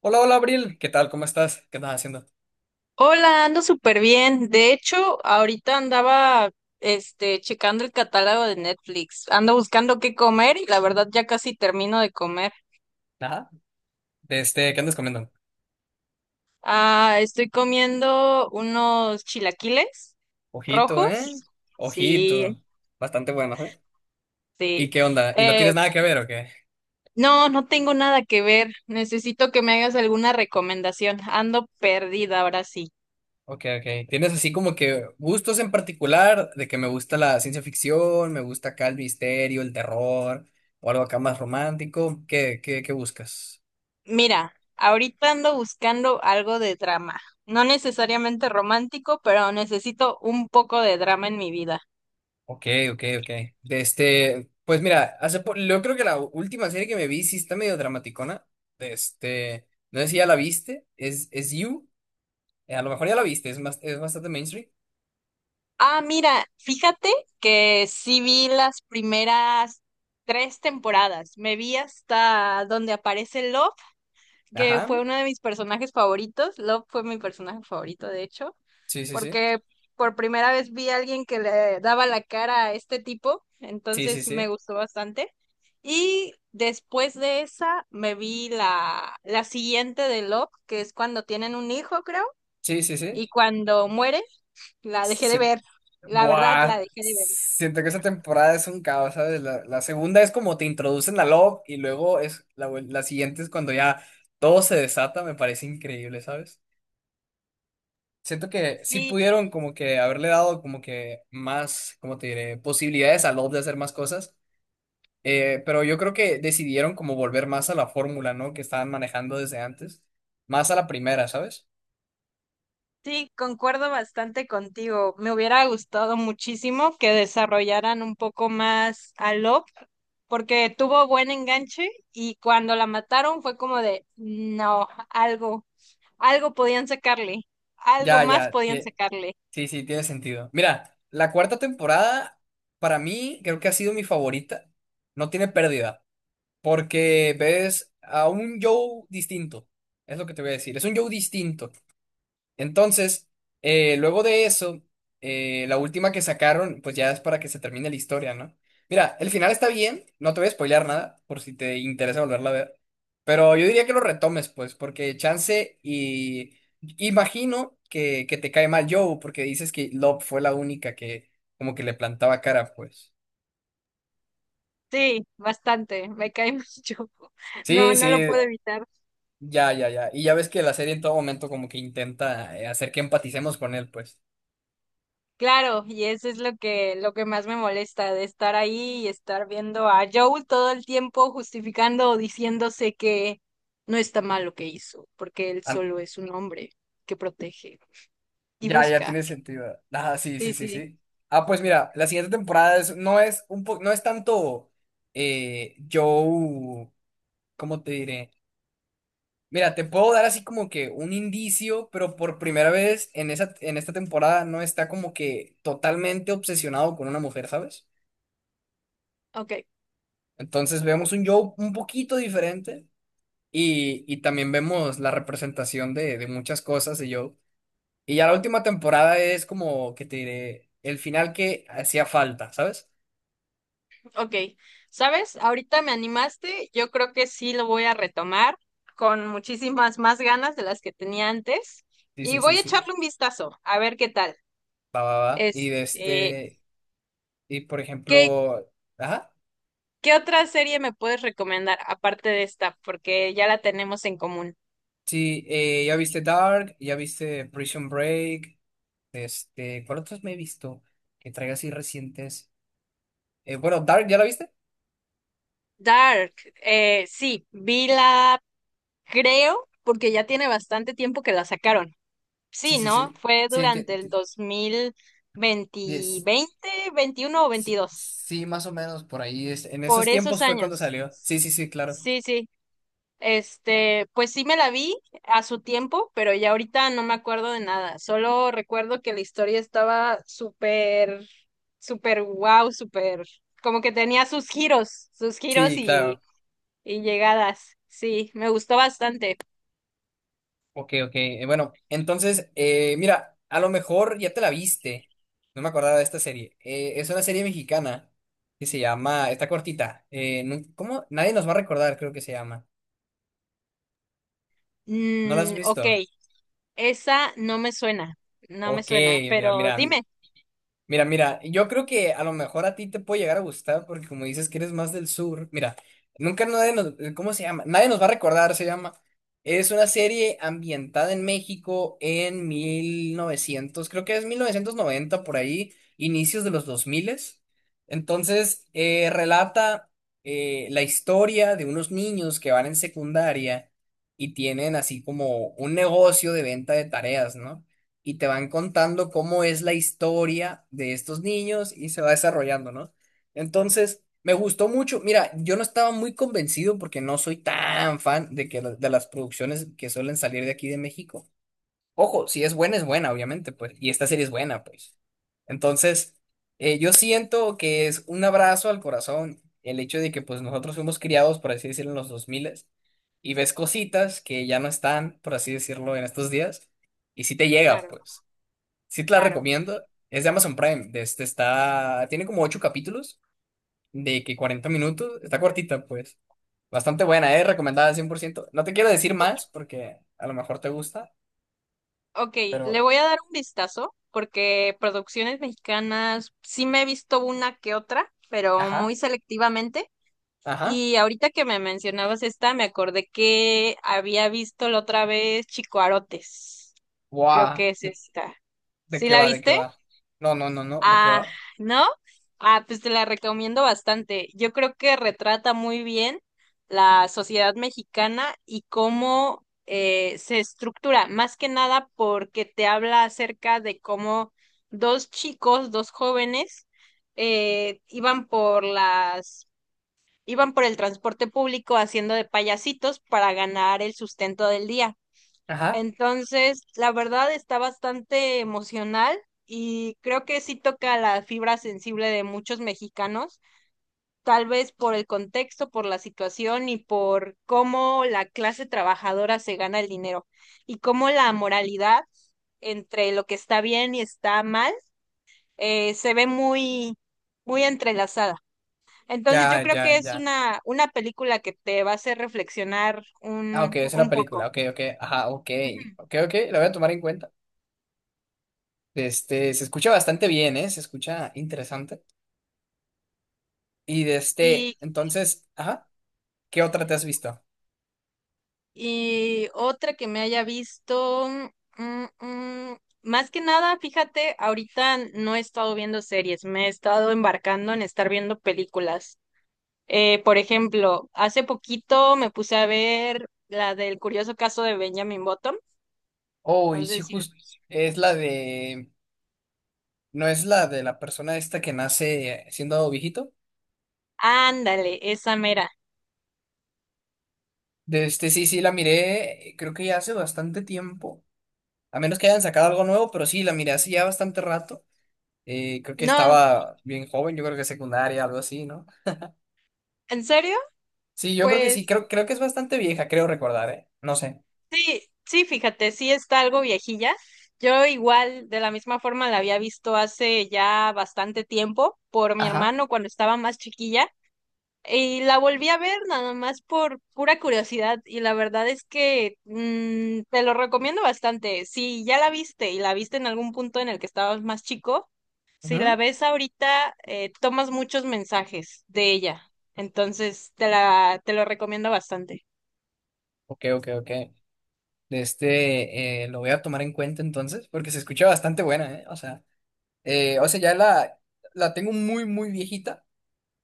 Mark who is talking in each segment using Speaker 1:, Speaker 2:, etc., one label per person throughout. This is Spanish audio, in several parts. Speaker 1: Hola, hola, Abril. ¿Qué tal? ¿Cómo estás? ¿Qué andas haciendo?
Speaker 2: Hola, ando súper bien. De hecho, ahorita andaba, checando el catálogo de Netflix. Ando buscando qué comer y la verdad ya casi termino de comer.
Speaker 1: Nada. ¿Qué andas comiendo?
Speaker 2: Ah, estoy comiendo unos chilaquiles
Speaker 1: Ojito,
Speaker 2: rojos.
Speaker 1: ¿eh?
Speaker 2: Sí,
Speaker 1: Ojito. Bastante bueno, ¿eh? ¿Y
Speaker 2: sí.
Speaker 1: qué onda? ¿Y no
Speaker 2: Eh,
Speaker 1: tienes nada que ver o qué?
Speaker 2: no, no tengo nada que ver. Necesito que me hagas alguna recomendación. Ando perdida ahora sí.
Speaker 1: Ok, ok. ¿Tienes así como que gustos en particular de que me gusta la ciencia ficción, me gusta acá el misterio, el terror o algo acá más romántico? ¿Qué buscas?
Speaker 2: Mira, ahorita ando buscando algo de drama. No necesariamente romántico, pero necesito un poco de drama en mi vida.
Speaker 1: Ok, ok, ok. De pues mira, yo creo que la última serie que me vi sí está medio dramaticona. De no sé si ya la viste, es You. A lo mejor ya la viste, es más, es bastante mainstream.
Speaker 2: Ah, mira, fíjate que sí vi las primeras tres temporadas. Me vi hasta donde aparece Love, que
Speaker 1: Ajá.
Speaker 2: fue uno de mis personajes favoritos. Love fue mi personaje favorito, de hecho,
Speaker 1: Sí, sí, sí.
Speaker 2: porque por primera vez vi a alguien que le daba la cara a este tipo,
Speaker 1: Sí, sí,
Speaker 2: entonces me
Speaker 1: sí.
Speaker 2: gustó bastante. Y después de esa me vi la siguiente de Love, que es cuando tienen un hijo, creo,
Speaker 1: Sí, sí, sí.
Speaker 2: y cuando muere, la dejé de
Speaker 1: Sí.
Speaker 2: ver. La verdad, la
Speaker 1: Buah.
Speaker 2: dejé de ver.
Speaker 1: Siento que esa temporada es un caos, ¿sabes? La segunda es como te introducen a Love y luego es la siguiente es cuando ya todo se desata, me parece increíble, ¿sabes? Siento que sí
Speaker 2: Sí,
Speaker 1: pudieron como que haberle dado como que más, como te diré? Posibilidades a Love de hacer más cosas. Pero yo creo que decidieron como volver más a la fórmula, ¿no? Que estaban manejando desde antes. Más a la primera, ¿sabes?
Speaker 2: sí, concuerdo bastante contigo. Me hubiera gustado muchísimo que desarrollaran un poco más a Lop, porque tuvo buen enganche y cuando la mataron fue como de, no, algo, algo podían sacarle, algo
Speaker 1: Ya,
Speaker 2: más
Speaker 1: ya.
Speaker 2: podían
Speaker 1: tie-
Speaker 2: sacarle.
Speaker 1: Sí, sí, tiene sentido. Mira, la cuarta temporada, para mí, creo que ha sido mi favorita. No tiene pérdida. Porque ves a un Joe distinto. Es lo que te voy a decir. Es un Joe distinto. Entonces, luego de eso, la última que sacaron, pues ya es para que se termine la historia, ¿no? Mira, el final está bien, no te voy a spoilear nada, por si te interesa volverla a ver, pero yo diría que lo retomes, pues, porque chance y imagino que te cae mal Joe, porque dices que Love fue la única que como que le plantaba cara, pues.
Speaker 2: Sí, bastante, me cae mucho. No,
Speaker 1: Sí,
Speaker 2: no lo
Speaker 1: sí,
Speaker 2: puedo evitar.
Speaker 1: ya, ya, ya. Y ya ves que la serie en todo momento como que intenta hacer que empaticemos con él, pues.
Speaker 2: Claro, y eso es lo que más me molesta, de estar ahí y estar viendo a Joel todo el tiempo justificando o diciéndose que no está mal lo que hizo, porque él
Speaker 1: An-
Speaker 2: solo es un hombre que protege y
Speaker 1: Ya, ya
Speaker 2: busca.
Speaker 1: tiene sentido. Ah, sí, sí,
Speaker 2: Sí,
Speaker 1: sí,
Speaker 2: sí.
Speaker 1: sí. Ah, pues mira, la siguiente no es un no es tanto Joe, ¿cómo te diré? Mira, te puedo dar así como que un indicio, pero por primera vez en en esta temporada no está como que totalmente obsesionado con una mujer, ¿sabes?
Speaker 2: Ok,
Speaker 1: Entonces vemos un Joe un poquito diferente y también vemos la representación de muchas cosas de Joe. Y ya la última temporada es como que te diré el final que hacía falta, ¿sabes?
Speaker 2: ok. ¿Sabes? Ahorita me animaste, yo creo que sí lo voy a retomar con muchísimas más ganas de las que tenía antes
Speaker 1: Sí,
Speaker 2: y
Speaker 1: sí, sí,
Speaker 2: voy a
Speaker 1: sí.
Speaker 2: echarle un vistazo a ver qué tal.
Speaker 1: Va, va, va. Y de
Speaker 2: Este,
Speaker 1: y por
Speaker 2: qué.
Speaker 1: ejemplo, ajá,
Speaker 2: ¿Qué otra serie me puedes recomendar aparte de esta? Porque ya la tenemos en común.
Speaker 1: sí, ya viste Dark, ya viste Prison Break, este, ¿cuál otros me he visto que traiga así recientes? Bueno, Dark, ¿ya la viste?
Speaker 2: Dark, sí, vi la, creo, porque ya tiene bastante tiempo que la sacaron.
Speaker 1: Sí,
Speaker 2: Sí,
Speaker 1: sí,
Speaker 2: ¿no?
Speaker 1: sí.
Speaker 2: Fue
Speaker 1: Sí, te-
Speaker 2: durante el
Speaker 1: te-
Speaker 2: 2020,
Speaker 1: yes.
Speaker 2: 20, 21 o
Speaker 1: Sí,
Speaker 2: 22,
Speaker 1: sí, más o menos por ahí. En esos
Speaker 2: por esos
Speaker 1: tiempos fue cuando
Speaker 2: años.
Speaker 1: salió. Sí, sí, sí, claro.
Speaker 2: Sí, sí. Este, pues sí me la vi a su tiempo, pero ya ahorita no me acuerdo de nada. Solo recuerdo que la historia estaba súper, súper wow, súper, como que tenía sus giros
Speaker 1: Sí, claro.
Speaker 2: y llegadas. Sí, me gustó bastante.
Speaker 1: Ok, ok. Bueno, entonces, mira, a lo mejor ya te la viste. No me acordaba de esta serie. Es una serie mexicana que se llama, está cortita. ¿Cómo? Nadie nos va a recordar, creo que se llama. ¿No la has
Speaker 2: Mm, ok,
Speaker 1: visto?
Speaker 2: esa no me suena, no me
Speaker 1: Ok,
Speaker 2: suena,
Speaker 1: mira,
Speaker 2: pero
Speaker 1: mira.
Speaker 2: dime.
Speaker 1: Mira, mira, yo creo que a lo mejor a ti te puede llegar a gustar porque como dices que eres más del sur, mira, nunca nadie nos, ¿cómo se llama? Nadie nos va a recordar, se llama. Es una serie ambientada en México en 1900, creo que es 1990 por ahí, inicios de los 2000. Entonces, relata la historia de unos niños que van en secundaria y tienen así como un negocio de venta de tareas, ¿no? Y te van contando cómo es la historia de estos niños y se va desarrollando, ¿no? Entonces, me gustó mucho. Mira, yo no estaba muy convencido porque no soy tan fan de que de las producciones que suelen salir de aquí de México. Ojo, si es buena, es buena, obviamente, pues, y esta serie es buena, pues. Entonces, yo siento que es un abrazo al corazón el hecho de que, pues, nosotros fuimos criados, por así decirlo, en los 2000 y ves cositas que ya no están, por así decirlo, en estos días, y sí te llega,
Speaker 2: Claro,
Speaker 1: pues. Sí te la
Speaker 2: claro.
Speaker 1: recomiendo. Es de Amazon Prime. De Este está, tiene como 8 capítulos de que 40 minutos. Está cortita, pues. Bastante buena, ¿eh? Recomendada 100%. No te quiero decir más porque a lo mejor te gusta,
Speaker 2: Ok,
Speaker 1: pero...
Speaker 2: le voy a dar un vistazo porque producciones mexicanas sí me he visto una que otra, pero
Speaker 1: Ajá.
Speaker 2: muy selectivamente.
Speaker 1: Ajá.
Speaker 2: Y ahorita que me mencionabas esta, me acordé que había visto la otra vez Chicoarotes. Creo
Speaker 1: Guau.
Speaker 2: que es esta.
Speaker 1: ¿De
Speaker 2: ¿Sí
Speaker 1: qué
Speaker 2: la
Speaker 1: va? ¿De qué
Speaker 2: viste?
Speaker 1: va? No, no, no, no. ¿De qué
Speaker 2: Ah,
Speaker 1: va?
Speaker 2: ¿no? Ah, pues te la recomiendo bastante. Yo creo que retrata muy bien la sociedad mexicana y cómo se estructura, más que nada porque te habla acerca de cómo dos chicos, dos jóvenes, iban por las, iban por el transporte público haciendo de payasitos para ganar el sustento del día.
Speaker 1: Ajá.
Speaker 2: Entonces, la verdad está bastante emocional y creo que sí toca la fibra sensible de muchos mexicanos, tal vez por el contexto, por la situación y por cómo la clase trabajadora se gana el dinero y cómo la moralidad entre lo que está bien y está mal se ve muy, muy entrelazada. Entonces, yo
Speaker 1: Ya,
Speaker 2: creo
Speaker 1: ya,
Speaker 2: que es
Speaker 1: ya.
Speaker 2: una película que te va a hacer reflexionar
Speaker 1: Ah, ok,
Speaker 2: un,
Speaker 1: es una
Speaker 2: un
Speaker 1: película.
Speaker 2: poco.
Speaker 1: Ok, ok. Ajá, ok.
Speaker 2: Ujú.
Speaker 1: Ok, ok. La voy a tomar en cuenta. Este, se escucha bastante bien, ¿eh? Se escucha interesante. Y de este,
Speaker 2: Y
Speaker 1: entonces, ajá. ¿Qué otra te has visto?
Speaker 2: Y otra que me haya visto, mm, mm, más que nada, fíjate, ahorita no he estado viendo series, me he estado embarcando en estar viendo películas. Por ejemplo, hace poquito me puse a ver la del curioso caso de Benjamin Button.
Speaker 1: Oh,
Speaker 2: No
Speaker 1: y
Speaker 2: sé
Speaker 1: sí,
Speaker 2: si...
Speaker 1: justo es la de. ¿No es la de la persona esta que nace siendo viejito?
Speaker 2: Ándale, esa mera.
Speaker 1: De sí, sí, la miré, creo que ya hace bastante tiempo. A menos que hayan sacado algo nuevo, pero sí, la miré hace ya bastante rato. Creo que
Speaker 2: No,
Speaker 1: estaba bien joven, yo creo que secundaria, algo así, ¿no?
Speaker 2: ¿en serio?
Speaker 1: Sí, yo creo que
Speaker 2: Pues
Speaker 1: sí, creo, creo que es bastante vieja, creo recordar, ¿eh? No sé.
Speaker 2: sí, sí, fíjate, sí está algo viejilla. Yo igual, de la misma forma, la había visto hace ya bastante tiempo por mi
Speaker 1: Ajá.
Speaker 2: hermano cuando estaba más chiquilla y la volví a ver nada más por pura curiosidad y la verdad es que te lo recomiendo bastante. Si ya la viste y la viste en algún punto en el que estabas más chico, si la
Speaker 1: Ujú.
Speaker 2: ves ahorita, tomas muchos mensajes de ella. Entonces, te la, te lo recomiendo bastante.
Speaker 1: Ok, ok, ok. De lo voy a tomar en cuenta entonces, porque se escucha bastante buena, ¿eh? O sea. O sea, la tengo muy, muy viejita,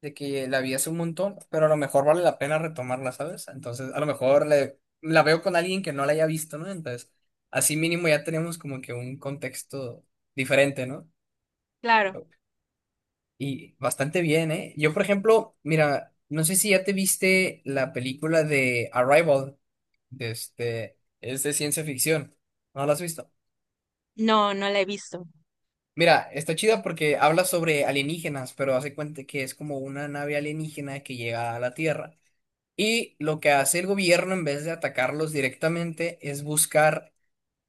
Speaker 1: de que la vi hace un montón, pero a lo mejor vale la pena retomarla, ¿sabes? Entonces, a lo mejor la veo con alguien que no la haya visto, ¿no? Entonces, así mínimo ya tenemos como que un contexto diferente, ¿no?
Speaker 2: Claro,
Speaker 1: Y bastante bien, ¿eh? Yo, por ejemplo, mira, no sé si ya te viste la película de Arrival, de este, es de ciencia ficción. ¿No la has visto?
Speaker 2: no, no la he visto.
Speaker 1: Mira, está chida porque habla sobre alienígenas, pero hace cuenta que es como una nave alienígena que llega a la Tierra. Y lo que hace el gobierno en vez de atacarlos directamente es buscar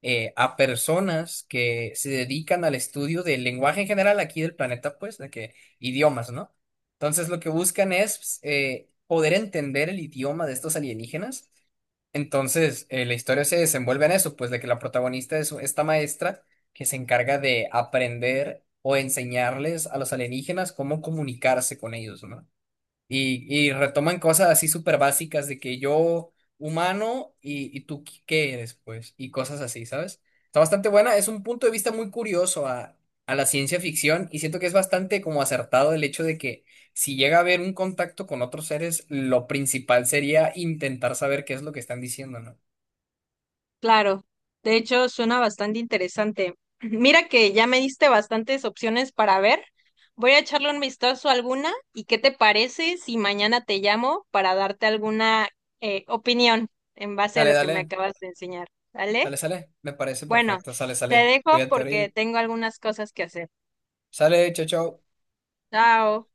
Speaker 1: a personas que se dedican al estudio del lenguaje en general aquí del planeta, pues, de que idiomas, ¿no? Entonces lo que buscan es poder entender el idioma de estos alienígenas, entonces, la historia se desenvuelve en eso, pues de que la protagonista es esta maestra que se encarga de aprender o enseñarles a los alienígenas cómo comunicarse con ellos, ¿no? Y retoman cosas así súper básicas de que yo humano y tú qué eres, pues, y cosas así, ¿sabes? Está bastante buena, es un punto de vista muy curioso a la ciencia ficción y siento que es bastante como acertado el hecho de que si llega a haber un contacto con otros seres, lo principal sería intentar saber qué es lo que están diciendo, ¿no?
Speaker 2: Claro, de hecho suena bastante interesante. Mira que ya me diste bastantes opciones para ver. Voy a echarle un vistazo a alguna y qué te parece si mañana te llamo para darte alguna opinión en base a
Speaker 1: Dale,
Speaker 2: lo que me
Speaker 1: dale,
Speaker 2: acabas de enseñar.
Speaker 1: sale,
Speaker 2: ¿Vale?
Speaker 1: sale, me parece
Speaker 2: Bueno,
Speaker 1: perfecto, sale,
Speaker 2: te
Speaker 1: sale,
Speaker 2: dejo
Speaker 1: cuídate,
Speaker 2: porque
Speaker 1: Ariel,
Speaker 2: tengo algunas cosas que hacer.
Speaker 1: sale, chao, chao.
Speaker 2: Chao.